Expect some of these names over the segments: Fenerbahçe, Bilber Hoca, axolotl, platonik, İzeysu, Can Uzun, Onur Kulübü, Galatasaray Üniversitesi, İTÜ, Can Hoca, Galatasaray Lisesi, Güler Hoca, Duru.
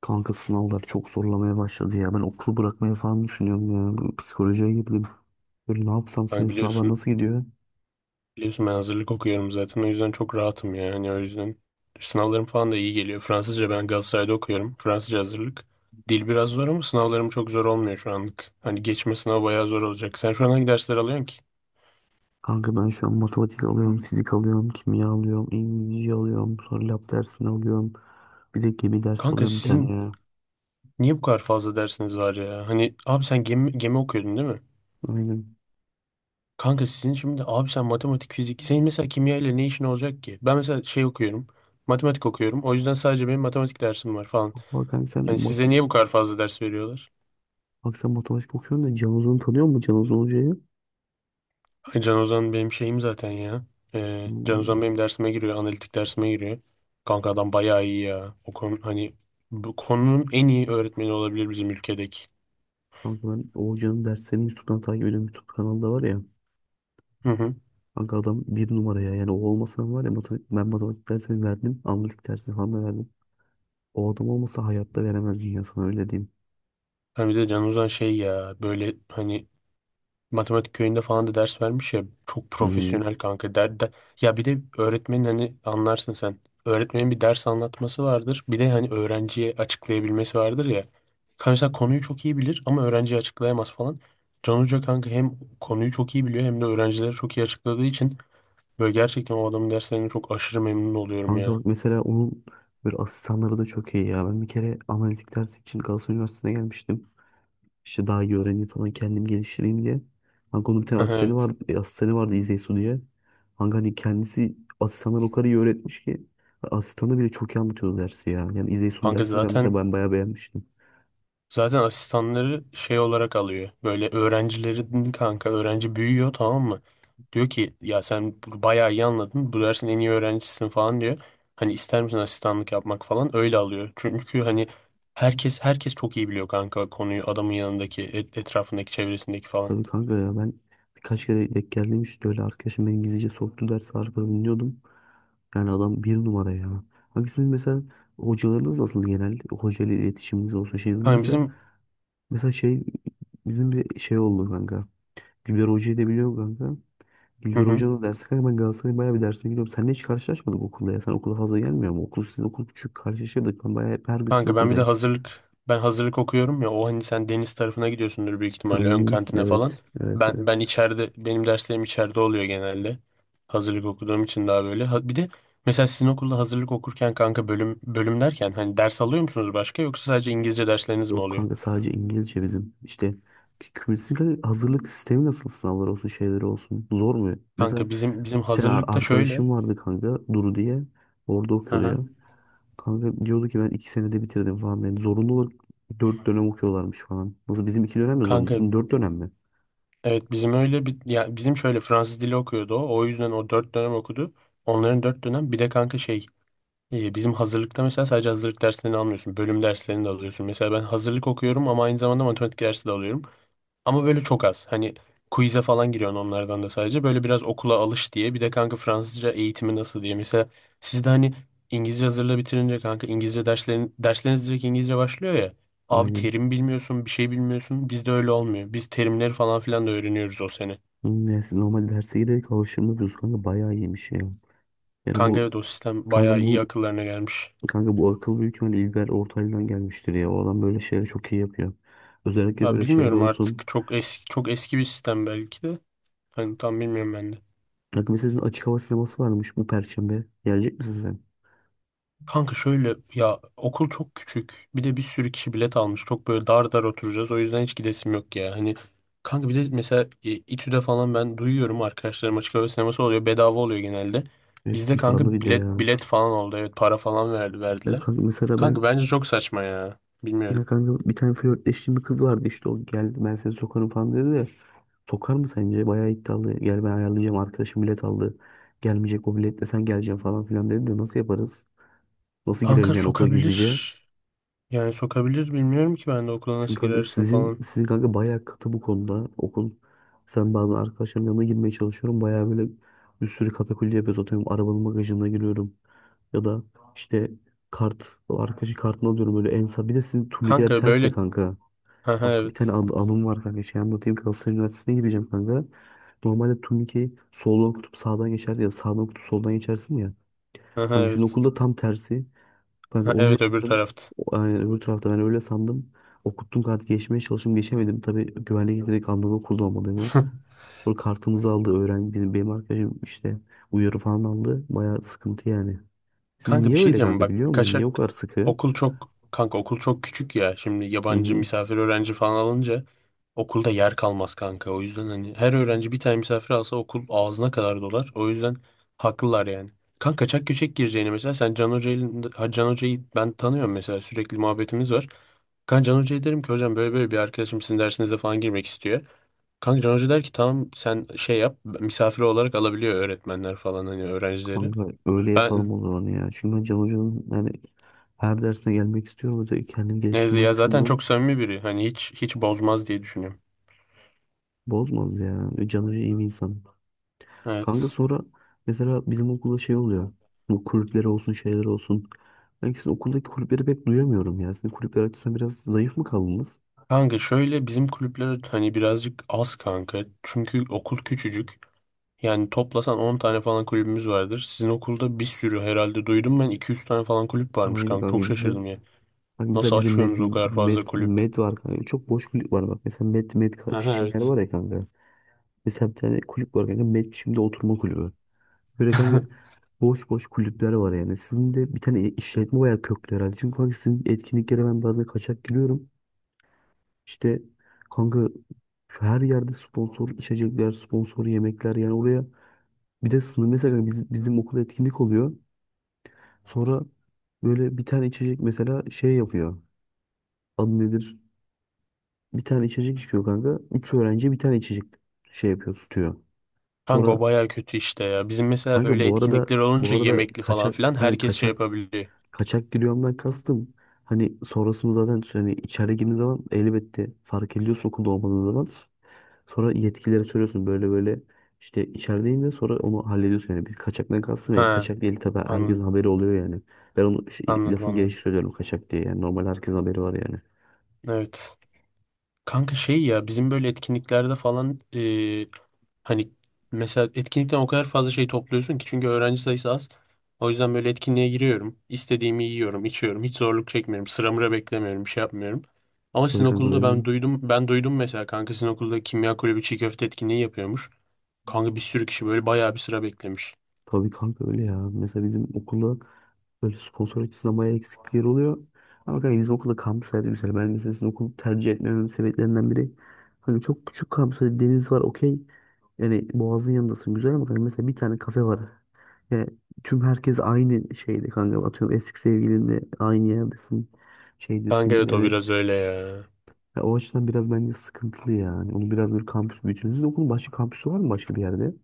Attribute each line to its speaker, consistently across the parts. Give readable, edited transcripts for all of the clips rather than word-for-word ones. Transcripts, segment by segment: Speaker 1: Kanka sınavlar çok zorlamaya başladı ya. Ben okulu bırakmayı falan düşünüyorum ya. Bu Psikolojiye girdim. Böyle ne yapsam, senin
Speaker 2: Kanka
Speaker 1: sınavlar
Speaker 2: biliyorsun,
Speaker 1: nasıl gidiyor?
Speaker 2: biliyorsun ben hazırlık okuyorum zaten. O yüzden çok rahatım yani. Hani o yüzden sınavlarım falan da iyi geliyor. Fransızca ben Galatasaray'da okuyorum. Fransızca hazırlık. Dil biraz zor ama sınavlarım çok zor olmuyor şu anlık. Hani geçme sınavı bayağı zor olacak. Sen şu an hangi dersler alıyorsun ki?
Speaker 1: Kanka ben şu an matematik alıyorum, fizik alıyorum, kimya alıyorum, İngilizce alıyorum, sonra lab dersini alıyorum. Bir de gemi dersi
Speaker 2: Kanka
Speaker 1: alıyorum bir tane
Speaker 2: sizin
Speaker 1: ya.
Speaker 2: niye bu kadar fazla dersiniz var ya? Hani abi sen gemi okuyordun değil mi?
Speaker 1: Aynen.
Speaker 2: Kanka sizin şimdi abi sen matematik, fizik. Senin mesela kimya ile ne işin olacak ki? Ben mesela şey okuyorum. Matematik okuyorum. O yüzden sadece benim matematik dersim var falan.
Speaker 1: Bak kanka sen,
Speaker 2: Hani
Speaker 1: mat
Speaker 2: size niye bu kadar fazla ders veriyorlar?
Speaker 1: Bak sen matematik okuyorsun da, Can Uzun'u tanıyor musun, Can Uzun Hoca'yı?
Speaker 2: Ay Can Ozan benim şeyim zaten ya. Can
Speaker 1: Hmm.
Speaker 2: Ozan benim dersime giriyor. Analitik dersime giriyor. Kanka adam bayağı iyi ya. O konu hani bu konunun en iyi öğretmeni olabilir bizim ülkedeki.
Speaker 1: Kanka ben Oğuzcan'ın derslerini YouTube'dan takip ediyorum. YouTube kanalda var ya.
Speaker 2: Hı hı.
Speaker 1: Kanka adam bir numara ya. Yani o olmasa var ya, matematik, ben matematik dersini verdim. Analitik dersini falan da verdim. O adam olmasa hayatta veremezdin ya, sana öyle diyeyim.
Speaker 2: Hani bir de Can Ozan şey ya böyle hani matematik köyünde falan da ders vermiş ya çok
Speaker 1: Hı.
Speaker 2: profesyonel kanka der. Ya bir de öğretmenin hani anlarsın sen, öğretmenin bir ders anlatması vardır bir de hani öğrenciye açıklayabilmesi vardır ya. Kanka mesela konuyu çok iyi bilir ama öğrenciye açıklayamaz falan. Can Hoca kanka hem konuyu çok iyi biliyor hem de öğrencilere çok iyi açıkladığı için böyle gerçekten o adamın derslerinden çok aşırı memnun oluyorum
Speaker 1: Kanka
Speaker 2: ya.
Speaker 1: bak, mesela onun böyle asistanları da çok iyi ya. Ben bir kere analitik dersi için Galatasaray Üniversitesi'ne gelmiştim. İşte daha iyi öğreneyim falan, kendim geliştireyim diye. Kanka onun bir tane asistanı
Speaker 2: Evet.
Speaker 1: vardı, İzeysu diye. Kanka hani kendisi asistanlar o kadar iyi öğretmiş ki, asistanı bile çok iyi anlatıyordu dersi ya. Yani İzeysu'nun
Speaker 2: Kanka
Speaker 1: dersini ben mesela
Speaker 2: zaten,
Speaker 1: ben bayağı beğenmiştim.
Speaker 2: zaten asistanları şey olarak alıyor. Böyle öğrencilerin, kanka öğrenci büyüyor, tamam mı? Diyor ki ya sen bayağı iyi anladın. Bu dersin en iyi öğrencisisin falan diyor. Hani ister misin asistanlık yapmak falan, öyle alıyor. Çünkü hani herkes herkes çok iyi biliyor kanka konuyu, adamın yanındaki etrafındaki, çevresindeki falan.
Speaker 1: Tabii kanka ya, ben birkaç kere denk geldim. İşte öyle, arkadaşım beni gizlice soktu, dersi arkada dinliyordum. Yani adam bir numara ya. Kanka sizin mesela hocalarınız nasıl genel? Hoca ile iletişiminiz olsun şey.
Speaker 2: Hani
Speaker 1: Mesela,
Speaker 2: bizim,
Speaker 1: mesela şey bizim bir şey oldu kanka. Güler Hoca'yı da biliyor musun kanka.
Speaker 2: hı
Speaker 1: Bilber
Speaker 2: hı.
Speaker 1: Hoca'nın dersi kanka, ben Galatasaray'ın bayağı bir dersine gidiyorum. Seninle hiç karşılaşmadık okulda ya. Sen okula fazla gelmiyor mu? Okul sizin okul küçük karşılaşıyorduk. Ben bayağı hep her gün sizin
Speaker 2: Kanka ben bir de
Speaker 1: okuldayım.
Speaker 2: hazırlık, ben hazırlık okuyorum ya, o hani sen deniz tarafına gidiyorsundur büyük ihtimalle, ön
Speaker 1: Hmm,
Speaker 2: kantine falan.
Speaker 1: evet, evet,
Speaker 2: Ben
Speaker 1: evet.
Speaker 2: ben içeride, benim derslerim içeride oluyor genelde. Hazırlık okuduğum için daha böyle. Bir de mesela sizin okulda hazırlık okurken kanka bölüm bölüm derken hani ders alıyor musunuz başka, yoksa sadece İngilizce dersleriniz mi
Speaker 1: Yok
Speaker 2: oluyor?
Speaker 1: kanka, sadece İngilizce bizim. İşte kümülatif hazırlık sistemi nasıl, sınavlar olsun şeyleri olsun. Zor mu? Mesela
Speaker 2: Kanka bizim
Speaker 1: bir tane
Speaker 2: hazırlıkta şöyle.
Speaker 1: arkadaşım vardı kanka, Duru diye. Orada
Speaker 2: Hı
Speaker 1: okuyordu
Speaker 2: hı.
Speaker 1: ya. Kanka diyordu ki, ben 2 senede bitirdim falan. Yani zorunlu olarak 4 dönem okuyorlarmış falan. Nasıl, bizim 2 dönem de zorunlu.
Speaker 2: Kanka
Speaker 1: Sizin 4 dönem mi?
Speaker 2: evet bizim öyle bir, ya bizim şöyle, Fransız dili okuyordu o. O yüzden o 4 dönem okudu. Onların 4 dönem, bir de kanka şey, İyi, bizim hazırlıkta mesela sadece hazırlık derslerini almıyorsun. Bölüm derslerini de alıyorsun. Mesela ben hazırlık okuyorum ama aynı zamanda matematik dersi de alıyorum. Ama böyle çok az. Hani quiz'e falan giriyorsun onlardan da, sadece böyle biraz okula alış diye. Bir de kanka Fransızca eğitimi nasıl diye. Mesela sizde hani İngilizce hazırlığı bitirince kanka İngilizce derslerin, dersleriniz direkt İngilizce başlıyor ya. Abi
Speaker 1: Aynen.
Speaker 2: terim bilmiyorsun, bir şey bilmiyorsun. Bizde öyle olmuyor. Biz terimleri falan filan da öğreniyoruz o sene.
Speaker 1: Yani siz normal derse giderek alıştırmıyoruz kanka, bayağı iyiymiş ya. Yani
Speaker 2: Kanka
Speaker 1: bu
Speaker 2: evet, o sistem
Speaker 1: kanka
Speaker 2: bayağı iyi
Speaker 1: bu
Speaker 2: akıllarına gelmiş.
Speaker 1: kanka bu akıl büyük ihtimalle İlber Ortaylı'dan gelmiştir ya. O adam böyle şeyleri çok iyi yapıyor. Özellikle
Speaker 2: Ya
Speaker 1: böyle şeyde
Speaker 2: bilmiyorum artık,
Speaker 1: olsun.
Speaker 2: çok eski çok eski bir sistem belki de. Hani tam bilmiyorum ben de.
Speaker 1: Kanka mesela sizin açık hava sineması varmış bu perşembe. Gelecek misin sen?
Speaker 2: Kanka şöyle ya, okul çok küçük. Bir de bir sürü kişi bilet almış. Çok böyle dar dar oturacağız. O yüzden hiç gidesim yok ya. Hani kanka bir de mesela İTÜ'de falan ben duyuyorum, arkadaşlarım açık hava sineması oluyor. Bedava oluyor genelde.
Speaker 1: Evet
Speaker 2: Bizde
Speaker 1: sizin
Speaker 2: kanka
Speaker 1: paralı bir de
Speaker 2: bilet
Speaker 1: ya.
Speaker 2: bilet falan oldu. Evet, para falan verdi,
Speaker 1: Ya
Speaker 2: verdiler.
Speaker 1: kanka mesela
Speaker 2: Kanka
Speaker 1: ben
Speaker 2: bence çok saçma ya.
Speaker 1: ya
Speaker 2: Bilmiyorum.
Speaker 1: kanka bir tane flörtleştiğim bir kız vardı. İşte o geldi, ben seni sokarım falan dedi de. Sokar mı sence? Bayağı iddialı. Gel, ben ayarlayacağım, arkadaşım bilet aldı. Gelmeyecek, o biletle sen geleceksin falan filan dedi de, nasıl yaparız? Nasıl
Speaker 2: Kanka
Speaker 1: girelim yani okula
Speaker 2: sokabilir.
Speaker 1: gizlice?
Speaker 2: Yani sokabilir, bilmiyorum ki ben de okula
Speaker 1: Çünkü
Speaker 2: nasıl
Speaker 1: kanka
Speaker 2: girersin
Speaker 1: sizin
Speaker 2: falan.
Speaker 1: sizin kanka bayağı katı bu konuda. Okul, sen bazen arkadaşlarımın yanına girmeye çalışıyorum. Bayağı böyle bir sürü katakulli yapıyoruz. Atıyorum arabanın bagajına giriyorum. Ya da işte kart, o arkadaşı kartını alıyorum böyle en sağ. Bir de sizin turnikeler
Speaker 2: Kanka
Speaker 1: ters ya
Speaker 2: böyle...
Speaker 1: kanka.
Speaker 2: Aha,
Speaker 1: Bak bir tane
Speaker 2: evet.
Speaker 1: anım var kanka. Şey anlatayım. Galatasaray Üniversitesi'ne gireceğim kanka. Normalde turnikeyi soldan okutup sağdan geçerdi ya da sağdan okutup soldan geçersin ya.
Speaker 2: Aha,
Speaker 1: Hangisinin
Speaker 2: evet.
Speaker 1: okulda tam tersi. Ben
Speaker 2: Ha,
Speaker 1: onu
Speaker 2: evet, öbür
Speaker 1: yaptım.
Speaker 2: tarafta.
Speaker 1: Yani öbür tarafta, ben öyle sandım. Okuttum kartı, geçmeye çalıştım, geçemedim. Tabii güvenlik direkt anladı okulda olmadığımı. Sonra kartımızı aldı öğrenci. Benim arkadaşım işte uyarı falan aldı. Bayağı sıkıntı yani. Siz
Speaker 2: Kanka bir
Speaker 1: niye
Speaker 2: şey
Speaker 1: öyle
Speaker 2: diyeceğim
Speaker 1: kanka,
Speaker 2: bak,
Speaker 1: biliyor musun? Niye o
Speaker 2: kaçak,
Speaker 1: kadar sıkı?
Speaker 2: okul çok, kanka okul çok küçük ya, şimdi
Speaker 1: Hı
Speaker 2: yabancı
Speaker 1: hı.
Speaker 2: misafir öğrenci falan alınca okulda yer kalmaz kanka. O yüzden hani her öğrenci bir tane misafir alsa okul ağzına kadar dolar. O yüzden haklılar yani. Kanka kaçak göçek gireceğini, mesela sen Can Hoca'yı, ha, Can Hoca'yı ben tanıyorum mesela, sürekli muhabbetimiz var. Kanka Can Hoca'ya derim ki hocam böyle böyle bir arkadaşım sizin dersinize falan girmek istiyor. Kanka Can Hoca der ki tamam, sen şey yap, misafir olarak alabiliyor öğretmenler falan hani öğrencileri.
Speaker 1: Kanka öyle yapalım
Speaker 2: Ben,
Speaker 1: o zaman ya. Çünkü ben Can Hoca'nın yani her dersine gelmek istiyorum. Özellikle kendimi
Speaker 2: neyse
Speaker 1: geliştirme
Speaker 2: ya, zaten
Speaker 1: açısından
Speaker 2: çok samimi biri. Hani hiç hiç bozmaz diye düşünüyorum.
Speaker 1: bozmaz ya. Can Hoca iyi bir insan. Kanka
Speaker 2: Evet.
Speaker 1: sonra mesela bizim okulda şey oluyor. Bu kulüpleri olsun, şeyler olsun. Ben sizin okuldaki kulüpleri pek duyamıyorum ya. Sizin kulüpler açısından biraz zayıf mı kaldınız?
Speaker 2: Kanka şöyle, bizim kulüpler hani birazcık az kanka. Çünkü okul küçücük. Yani toplasan 10 tane falan kulübümüz vardır. Sizin okulda bir sürü, herhalde duydum ben 200 tane falan kulüp varmış
Speaker 1: Aynen
Speaker 2: kanka. Çok
Speaker 1: kanka bizde.
Speaker 2: şaşırdım ya.
Speaker 1: Bak mesela
Speaker 2: Nasıl
Speaker 1: bizde med,
Speaker 2: açıyorsunuz o kadar fazla
Speaker 1: med,
Speaker 2: kulüp?
Speaker 1: med var kanka. Çok boş kulüp var bak. Mesela
Speaker 2: Aha,
Speaker 1: şimdiler
Speaker 2: evet.
Speaker 1: var ya kanka. Mesela bir tane kulüp var kanka. Med şimdi oturma kulübü. Böyle kanka boş boş kulüpler var yani. Sizin de bir tane işletme bayağı köklü herhalde. Çünkü kanka sizin etkinliklere ben bazen kaçak giriyorum. İşte kanka şu, her yerde sponsor içecekler, sponsor yemekler yani oraya. Bir de sınır, mesela bizim okulda etkinlik oluyor. Sonra böyle bir tane içecek mesela şey yapıyor. Adı nedir? Bir tane içecek içiyor kanka. Üç öğrenci bir tane içecek şey yapıyor, tutuyor.
Speaker 2: Kanka
Speaker 1: Sonra
Speaker 2: o baya kötü işte ya. Bizim mesela
Speaker 1: kanka
Speaker 2: öyle
Speaker 1: bu arada
Speaker 2: etkinlikler
Speaker 1: bu
Speaker 2: olunca
Speaker 1: arada
Speaker 2: yemekli falan
Speaker 1: kaçak
Speaker 2: filan
Speaker 1: kanka
Speaker 2: herkes şey
Speaker 1: kaçak
Speaker 2: yapabiliyor.
Speaker 1: kaçak giriyorumdan kastım. Hani sonrasını, zaten hani içeri girdiğin zaman elbette fark ediyorsun okulda olmadığın zaman. Sonra yetkililere söylüyorsun böyle böyle, işte içerideyim de, sonra onu hallediyorsun yani. Biz kaçaktan kastım yani,
Speaker 2: Ha,
Speaker 1: kaçak değil tabii, herkesin
Speaker 2: anladım
Speaker 1: haberi oluyor yani. Ben onu şey,
Speaker 2: anladım
Speaker 1: lafın
Speaker 2: anladım.
Speaker 1: gelişi söylüyorum kaçak diye, yani normal herkesin haberi var yani.
Speaker 2: Evet. Kanka şey ya, bizim böyle etkinliklerde falan hani, mesela etkinlikten o kadar fazla şey topluyorsun ki, çünkü öğrenci sayısı az. O yüzden böyle etkinliğe giriyorum. İstediğimi yiyorum, içiyorum. Hiç zorluk çekmiyorum. Sıra mıra beklemiyorum, bir şey yapmıyorum. Ama
Speaker 1: Tabii
Speaker 2: sizin
Speaker 1: kanka
Speaker 2: okulda
Speaker 1: öyle
Speaker 2: ben
Speaker 1: değil.
Speaker 2: duydum, ben duydum mesela, kanka sizin okulda kimya kulübü çiğ köfte etkinliği yapıyormuş. Kanka bir sürü kişi böyle bayağı bir sıra beklemiş.
Speaker 1: Tabii kanka öyle ya. Mesela bizim okulda böyle sponsor açısından bayağı eksiklikler oluyor. Ama kanka bizim okulda kampüs hayatı güzel. Ben mesela sizin okulu tercih etmememin sebeplerinden biri. Hani çok küçük kampüs hani, deniz var okey. Yani Boğaz'ın yanındasın güzel ama kanka mesela bir tane kafe var. Yani tüm herkes aynı şeyde kanka. Atıyorum eski sevgilinle aynı yerdesin.
Speaker 2: Kanka
Speaker 1: Şeydesin
Speaker 2: evet, o
Speaker 1: yani.
Speaker 2: biraz öyle ya.
Speaker 1: Ya o açıdan biraz bence sıkıntılı yani. Onu biraz böyle kampüs büyütün. Sizin okulun başka kampüsü var mı başka bir yerde?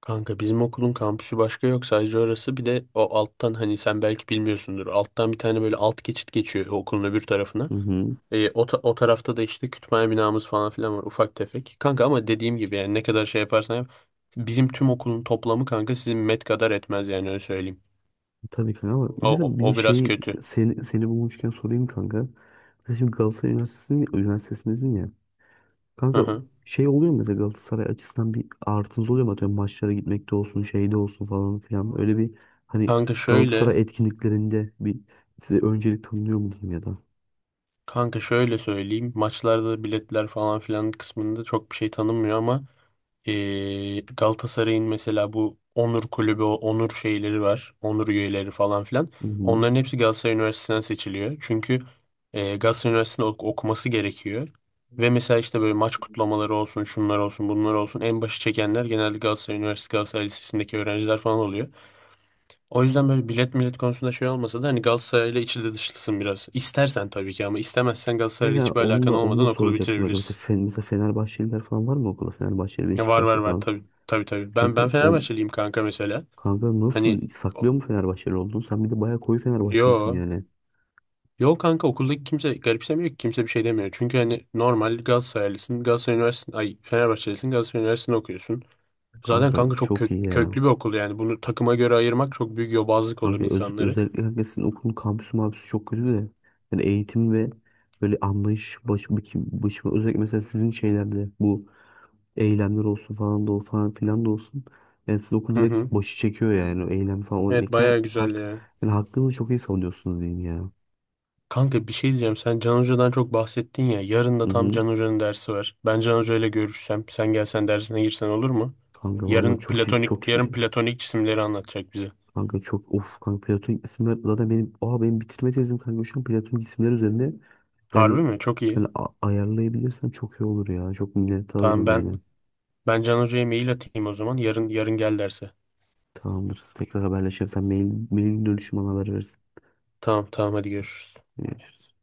Speaker 2: Kanka bizim okulun kampüsü başka yok, sadece orası. Bir de o alttan, hani sen belki bilmiyorsundur, alttan bir tane böyle alt geçit geçiyor okulun öbür tarafına.
Speaker 1: Hı hı.
Speaker 2: O tarafta da işte kütüphane binamız falan filan var, ufak tefek kanka, ama dediğim gibi yani ne kadar şey yaparsan yap, bizim tüm okulun toplamı kanka sizin met kadar etmez yani, öyle söyleyeyim.
Speaker 1: Tabii kanka, ama
Speaker 2: o, o,
Speaker 1: mesela bir de
Speaker 2: o biraz
Speaker 1: şey,
Speaker 2: kötü.
Speaker 1: seni bulmuşken sorayım kanka. Mesela şimdi Üniversitesindesin ya.
Speaker 2: Hı
Speaker 1: Kanka
Speaker 2: hı.
Speaker 1: şey oluyor mu mesela, Galatasaray açısından bir artınız oluyor mu? Atıyorum maçlara gitmekte olsun, şeyde olsun falan filan. Öyle bir, hani
Speaker 2: Kanka şöyle,
Speaker 1: Galatasaray etkinliklerinde bir size öncelik tanınıyor mu diyeyim ya da.
Speaker 2: söyleyeyim, maçlarda biletler falan filan kısmında çok bir şey tanınmıyor ama Galatasaray'ın mesela bu Onur Kulübü, o Onur şeyleri var. Onur üyeleri falan filan.
Speaker 1: Hı hı.
Speaker 2: Onların hepsi Galatasaray Üniversitesi'nden seçiliyor. Çünkü Galatasaray Üniversitesi'nde okuması gerekiyor. Ve mesela işte böyle maç kutlamaları olsun, şunlar olsun, bunlar olsun. En başı çekenler genelde Galatasaray Üniversitesi, Galatasaray Lisesi'ndeki öğrenciler falan oluyor. O yüzden böyle bilet millet konusunda şey olmasa da hani Galatasaray'la içli dışlısın biraz. İstersen tabii ki, ama istemezsen Galatasaray'la
Speaker 1: Mesela
Speaker 2: hiçbir
Speaker 1: onu
Speaker 2: alakan
Speaker 1: da onu
Speaker 2: olmadan
Speaker 1: da
Speaker 2: okulu
Speaker 1: soracaktım. Kanka. Mesela,
Speaker 2: bitirebilirsin.
Speaker 1: Mesela Fenerbahçeliler falan var mı okulda? Fenerbahçeli,
Speaker 2: Ya, var var
Speaker 1: Beşiktaşlı
Speaker 2: var,
Speaker 1: falan.
Speaker 2: tabii tabii tabii. Ben
Speaker 1: Kanka,
Speaker 2: ben
Speaker 1: on,
Speaker 2: Fenerbahçeliyim kanka mesela.
Speaker 1: kanka, nasıl
Speaker 2: Hani o-
Speaker 1: saklıyor mu Fenerbahçeli olduğunu? Sen bir de bayağı koyu Fenerbahçelisin
Speaker 2: yo
Speaker 1: yani.
Speaker 2: yo kanka, okuldaki kimse garipsemiyor ki, kimse bir şey demiyor. Çünkü hani normal Galatasaraylısın, Galatasaray Üniversitesi, ay Fenerbahçelisin, Galatasaray Üniversitesi'nde okuyorsun. Zaten
Speaker 1: Kanka
Speaker 2: kanka çok
Speaker 1: çok iyi ya.
Speaker 2: köklü bir okul, yani bunu takıma göre ayırmak çok büyük yobazlık olur
Speaker 1: Kanka
Speaker 2: insanları.
Speaker 1: özellikle kanka sizin okulun kampüsü mabüsü çok kötü de. Yani eğitim ve böyle anlayış, özellikle mesela sizin şeylerde bu eylemler olsun falan da, o falan filan da olsun. Yani siz okul
Speaker 2: Hı hı.
Speaker 1: direkt başı çekiyor yani o eylem falan. O, yani,
Speaker 2: Evet, bayağı güzel ya.
Speaker 1: yani hakkınızı çok iyi savunuyorsunuz diyeyim ya.
Speaker 2: Kanka bir şey diyeceğim. Sen Can Hoca'dan çok bahsettin ya. Yarın
Speaker 1: Hı
Speaker 2: da tam
Speaker 1: hı.
Speaker 2: Can Hoca'nın dersi var. Ben Can Hoca ile görüşsem, sen gelsen dersine girsen olur mu?
Speaker 1: Kanka
Speaker 2: Yarın
Speaker 1: valla, çok iyi, çok
Speaker 2: platonik, yarın
Speaker 1: iyi.
Speaker 2: platonik cisimleri anlatacak bize.
Speaker 1: Kanka çok of kanka, platonik isimler zaten benim, oha, benim bitirme tezim kanka şu an platonik isimler üzerinde.
Speaker 2: Harbi
Speaker 1: Yani
Speaker 2: mi? Çok iyi.
Speaker 1: hani ayarlayabilirsem çok iyi olur ya. Çok minnettar
Speaker 2: Tamam
Speaker 1: olurum
Speaker 2: ben
Speaker 1: yani.
Speaker 2: ben Can Hoca'ya mail atayım o zaman. Yarın gel derse.
Speaker 1: Tamamdır. Tekrar haberleşelim. Sen mailin dönüşüm bana haber verirsin.
Speaker 2: Tamam tamam, hadi görüşürüz.
Speaker 1: Görüşürüz.